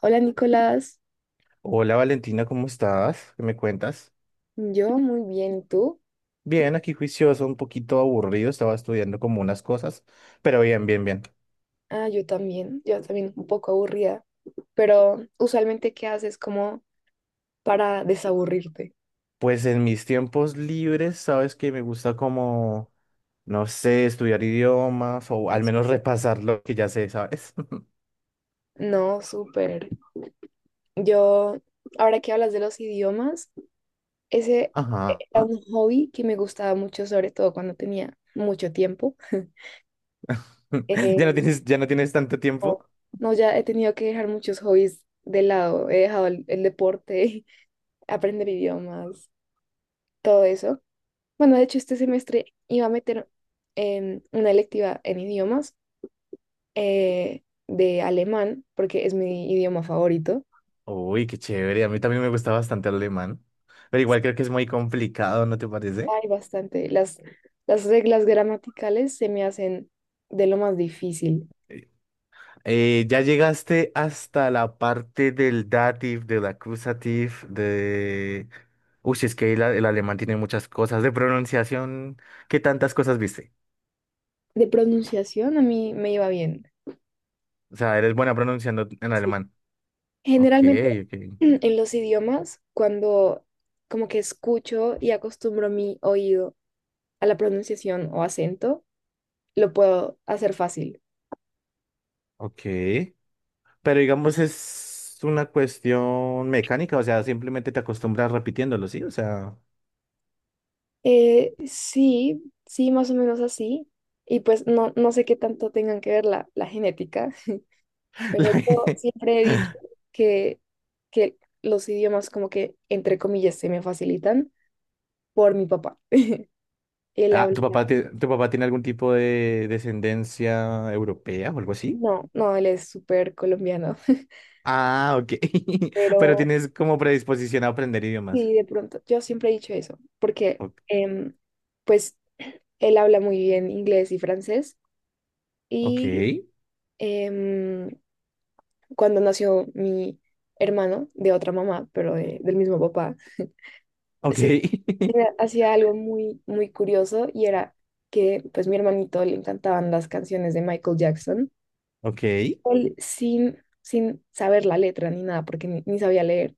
Hola Nicolás, Hola Valentina, ¿cómo estás? ¿Qué me cuentas? yo muy bien, ¿y tú? Bien, aquí juicioso, un poquito aburrido, estaba estudiando como unas cosas, pero bien, bien, bien. Ah, yo también un poco aburrida, pero usualmente ¿qué haces como para desaburrirte? Pues en mis tiempos libres, sabes que me gusta como, no sé, estudiar idiomas o al menos repasar lo que ya sé, ¿sabes? No, súper. Yo, ahora que hablas de los idiomas, ese Ajá. era un hobby que me gustaba mucho, sobre todo cuando tenía mucho tiempo. ¿Ya no Eh, tienes, ya no tienes tanto no, tiempo? no, ya he tenido que dejar muchos hobbies de lado, he dejado el deporte, aprender idiomas, todo eso. Bueno, de hecho, este semestre iba a meter una electiva en idiomas de alemán, porque es mi idioma favorito. Uy, qué chévere, a mí también me gusta bastante el alemán, pero igual creo que es muy complicado, ¿no te parece? Hay bastante. Las reglas gramaticales se me hacen de lo más difícil. ¿Ya llegaste hasta la parte del dative, del accusative, de...? Uy, si es que el alemán tiene muchas cosas de pronunciación. ¿Qué tantas cosas viste? De pronunciación a mí me iba bien. O sea, eres buena pronunciando en Sí. alemán. Ok, Generalmente ok, en los idiomas, cuando como que escucho y acostumbro mi oído a la pronunciación o acento, lo puedo hacer fácil. ok. Pero digamos es una cuestión mecánica, o sea, simplemente te acostumbras repitiéndolo, ¿sí? O sea, Sí, sí, más o menos así. Y pues no, no sé qué tanto tengan que ver la genética, pero yo siempre he la- dicho que, que los idiomas como que, entre comillas, se me facilitan por mi papá. Él Ah, habla, ¿tu papá, tu papá tiene algún tipo de descendencia europea o algo así? no, no, él es súper colombiano. Ah, ok. Pero Pero tienes como predisposición a aprender idiomas. sí, de pronto, yo siempre he dicho eso, porque O- pues él habla muy bien inglés y francés Ok, y... em, cuando nació mi hermano de otra mamá, pero del mismo papá, ok, se hacía algo muy, muy curioso y era que pues mi hermanito le encantaban las canciones de Michael Jackson. ok. Él sin saber la letra ni nada, porque ni sabía leer,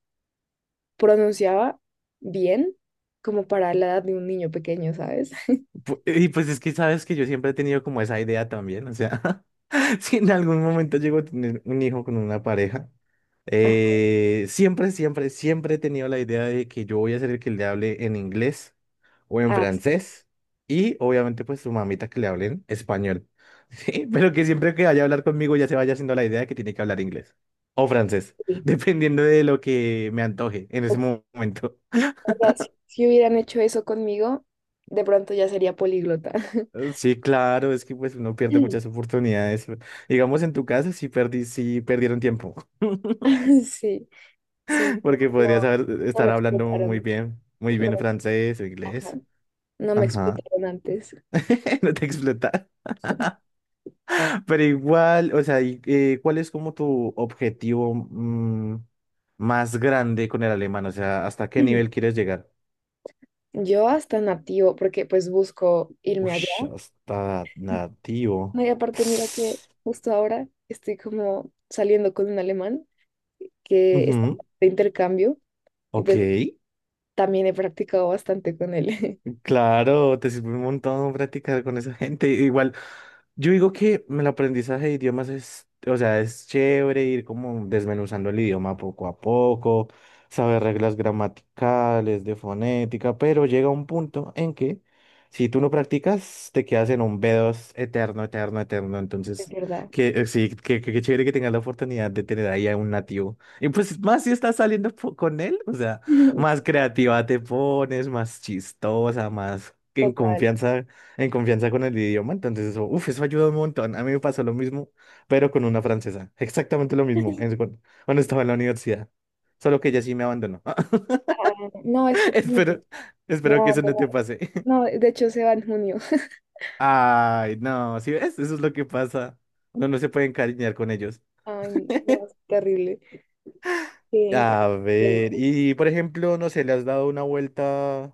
pronunciaba bien como para la edad de un niño pequeño, ¿sabes? Y pues es que sabes que yo siempre he tenido como esa idea también. O sea, si en algún momento llego a tener un hijo con una pareja, Ah, siempre, siempre, siempre he tenido la idea de que yo voy a ser el que le hable en inglés. O en ah, francés, y obviamente pues su mamita que le hablen español, ¿sí? Pero que siempre que vaya a hablar conmigo ya se vaya haciendo la idea de que tiene que hablar inglés o francés, sí. dependiendo de lo que me antoje en ese Uf, momento. ahora, si hubieran hecho eso conmigo, de pronto ya sería políglota. Sí, claro, es que pues uno pierde muchas oportunidades. Digamos en tu casa sí perdí, sí perdieron tiempo, Sí. Sí, no, porque no, no estar me hablando explotaron. Muy No, bien francés o inglés. ajá, no me Ajá, explotaron antes. no te explota. Pero igual, o sea, y, ¿cuál es como tu objetivo más grande con el alemán? O sea, ¿hasta qué nivel quieres llegar? Yo hasta nativo, porque pues busco irme allá. Ush, hasta nativo. No, y aparte, mira que justo ahora estoy como saliendo con un alemán que está Ujú, de intercambio y ok. pues también he practicado bastante con él. Claro, te sirve un montón practicar con esa gente. Igual, yo digo que el aprendizaje de idiomas es, o sea, es chévere ir como desmenuzando el idioma poco a poco, saber reglas gramaticales, de fonética, pero llega un punto en que si tú no practicas, te quedas en un B2 eterno, eterno, eterno. Es Entonces, verdad. que sí, que chévere que tengas la oportunidad de tener ahí a un nativo. Y pues más si estás saliendo con él, o sea. Más Sí, creativa te pones, más chistosa, más que total. En confianza con el idioma. Entonces eso, uf, eso ayuda un montón. A mí me pasó lo mismo, pero con una francesa. Exactamente lo mismo cuando estaba en la universidad. Solo que ella sí me abandonó. Ah, no, este también Espero, me va espero a que eso no abandonar. te pase. No, de hecho se va en junio. Ay, no, ¿si ves? Eso es lo que pasa. Uno no se puede encariñar con ellos. Ay, no, es terrible. Qué A increíble. ver, y por ejemplo, no sé, ¿le has dado una vuelta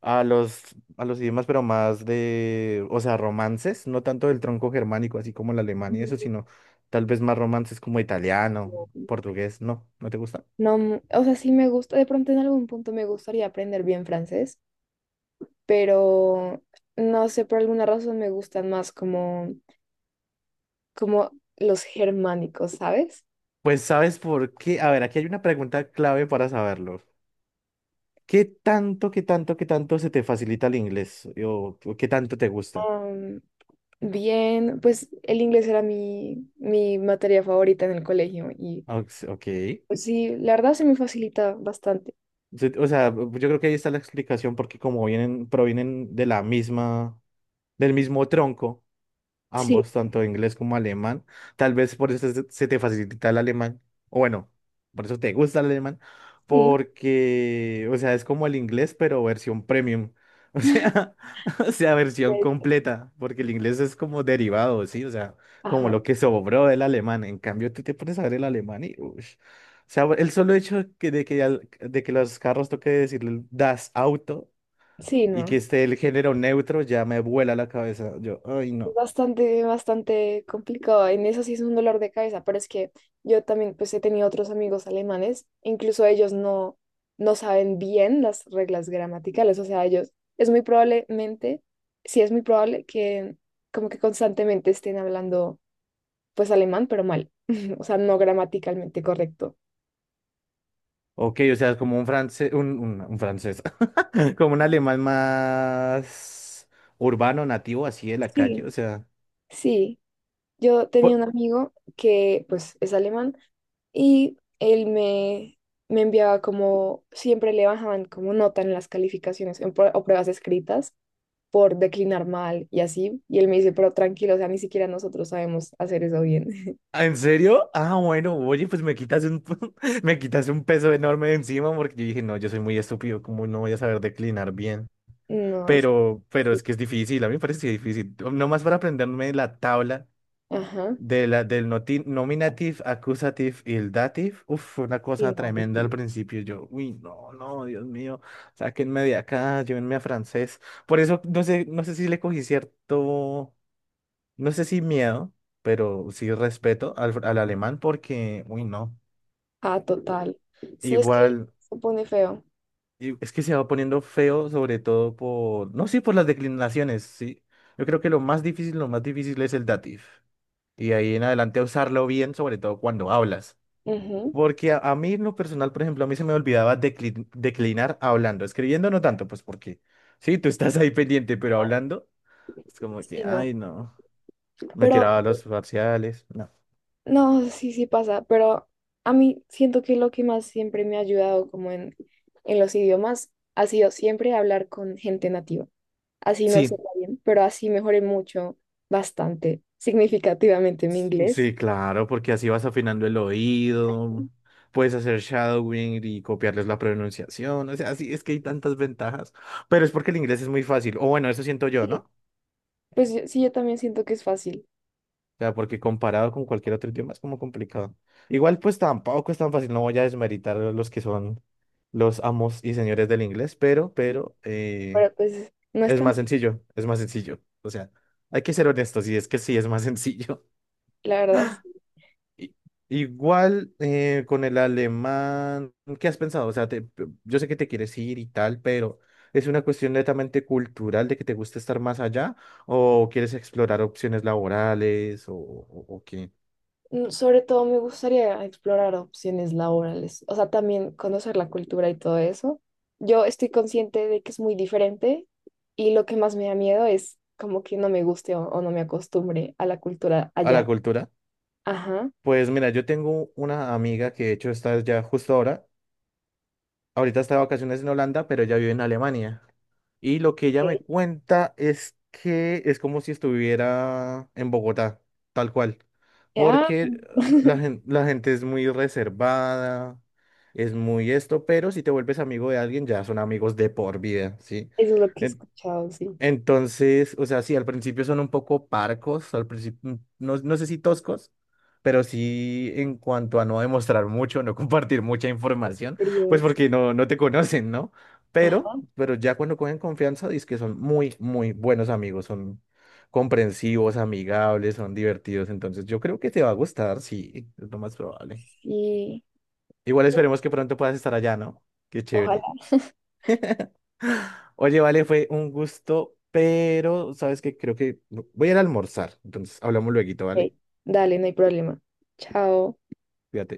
a los idiomas, pero más de, o sea, romances, no tanto del tronco germánico, así como el alemán y eso, sino tal vez más romances como italiano, Pues, portugués, ¿no? ¿No te gusta? no, mm, o sea, sí me gusta, de pronto en algún punto me gustaría aprender bien francés, pero no sé, por alguna razón me gustan más como, como los germánicos, ¿sabes? Pues sabes por qué, a ver, aquí hay una pregunta clave para saberlo. ¿Qué tanto, qué tanto, qué tanto se te facilita el inglés? O qué tanto te gusta? Am, bien, pues el inglés era mi, mi materia favorita en el colegio y Ok. pues sí, la verdad se me facilita bastante. O sea, yo creo que ahí está la explicación porque como vienen, provienen de la misma del mismo tronco, Sí, ambos, tanto inglés como alemán. Tal vez por eso se te facilita el alemán, o bueno, por eso te gusta el alemán, sí. porque, o sea, es como el inglés, pero versión premium. O sea, o sea, versión Pues, completa, porque el inglés es como derivado, ¿sí? O sea, como ajá, lo que sobró del alemán. En cambio, tú te pones a ver el alemán y, ush. O sea, el solo hecho que, de que, al- de que los carros toque decirle das Auto sí, y que no. esté el género neutro ya me vuela la cabeza. Yo, ay, no. Bastante, bastante complicado. En eso sí es un dolor de cabeza, pero es que yo también pues he tenido otros amigos alemanes, e incluso ellos no, no saben bien las reglas gramaticales, o sea, ellos es muy probablemente, sí es muy probable que como que constantemente estén hablando pues alemán, pero mal, o sea, no gramaticalmente correcto. Ok, o sea, como un francés, un francés, como un alemán más urbano, nativo, así de la calle, Sí. o sea. Sí, yo tenía po- un amigo que pues es alemán. Y me enviaba como, siempre le bajaban como nota en las calificaciones en o pruebas escritas por declinar mal y así. Y él me dice, pero tranquilo, o sea, ni siquiera nosotros sabemos hacer eso bien. ¿Ah, ¿En serio? Ah, bueno, oye, pues me quitas un, me quitas un peso enorme de encima porque yo dije, no, yo soy muy estúpido, como no voy a saber declinar bien? No, es que Pero es sí. que es difícil, a mí me parece difícil. Nomás para aprenderme la tabla Ajá. de nominative, accusative y el dative, uf, fue una Sí, cosa no, tremenda al horrible. principio. Yo, uy, no, no, Dios mío, sáquenme de acá, llévenme a francés. Por eso no sé, no sé si le cogí cierto, no sé si miedo, pero sí respeto al alemán porque, uy, no, Ah, total. Sí, es que igual, se pone feo. Es que se va poniendo feo, sobre todo por, no, sí, por las declinaciones, sí. Yo creo que lo más difícil es el dative. Y ahí en adelante usarlo bien, sobre todo cuando hablas. Ujú. Porque a mí en lo personal, por ejemplo, a mí se me olvidaba declinar hablando, escribiendo no tanto, pues porque sí, tú estás ahí pendiente, pero Ajá, hablando es como sí, que, no. ay, no, me Pero tiraba los parciales, no. no, sí, sí pasa, pero a mí siento que lo que más siempre me ha ayudado como en los idiomas ha sido siempre hablar con gente nativa. Así no Sí, sepa bien, pero así mejoré mucho, bastante, significativamente mi inglés. sí, claro, porque así vas afinando el oído, puedes hacer shadowing y copiarles la pronunciación, o sea, sí, es que hay tantas ventajas, pero es porque el inglés es muy fácil, o bueno, eso siento yo, Sí. ¿no? Pues yo- sí, yo también siento que es fácil, O sea, porque comparado con cualquier otro idioma es como complicado. Igual pues tampoco es tan fácil, no voy a desmeritar a los que son los amos y señores del inglés, pero pero pues no es es tan, más sencillo, es más sencillo. O sea, hay que ser honestos y es que sí, es más sencillo. la verdad. I- Igual con el alemán, ¿qué has pensado? O sea, yo sé que te quieres ir y tal, pero ¿es una cuestión netamente cultural de que te gusta estar más allá o quieres explorar opciones laborales o o qué? Mm, sobre todo me gustaría explorar opciones laborales, o sea, también conocer la cultura y todo eso. Yo estoy consciente de que es muy diferente y lo que más me da miedo es como que no me guste o no me acostumbre a la cultura ¿A la allá. cultura? Ajá. Ok. Pues mira, yo tengo una amiga que de hecho está ya justo ahora, ahorita está de vacaciones en Holanda, pero ella vive en Alemania. Y lo que ella Eh, me cuenta es que es como si estuviera en Bogotá, tal cual. ah, Porque la gente es muy reservada, es muy esto, pero si te vuelves amigo de alguien ya son amigos de por vida, ¿sí? eso es lo que he escuchado, sí. Entonces, o sea, sí, al principio son un poco parcos, al principio, no, no sé si toscos, pero sí en cuanto a no demostrar mucho, no compartir mucha información, pues Fríos. porque no, no te conocen, ¿no? Ajá. Pero ya cuando cogen confianza, dices que son muy, muy buenos amigos, son comprensivos, amigables, son divertidos, entonces yo creo que te va a gustar, sí, es lo más probable. Y Igual esperemos que pronto puedas estar allá, ¿no? Qué ojalá. chévere. Oye, vale, fue un gusto, pero sabes que creo que voy a ir a almorzar. Entonces, hablamos luego, Ok, ¿vale? dale, no hay problema. Chao. Fíjate.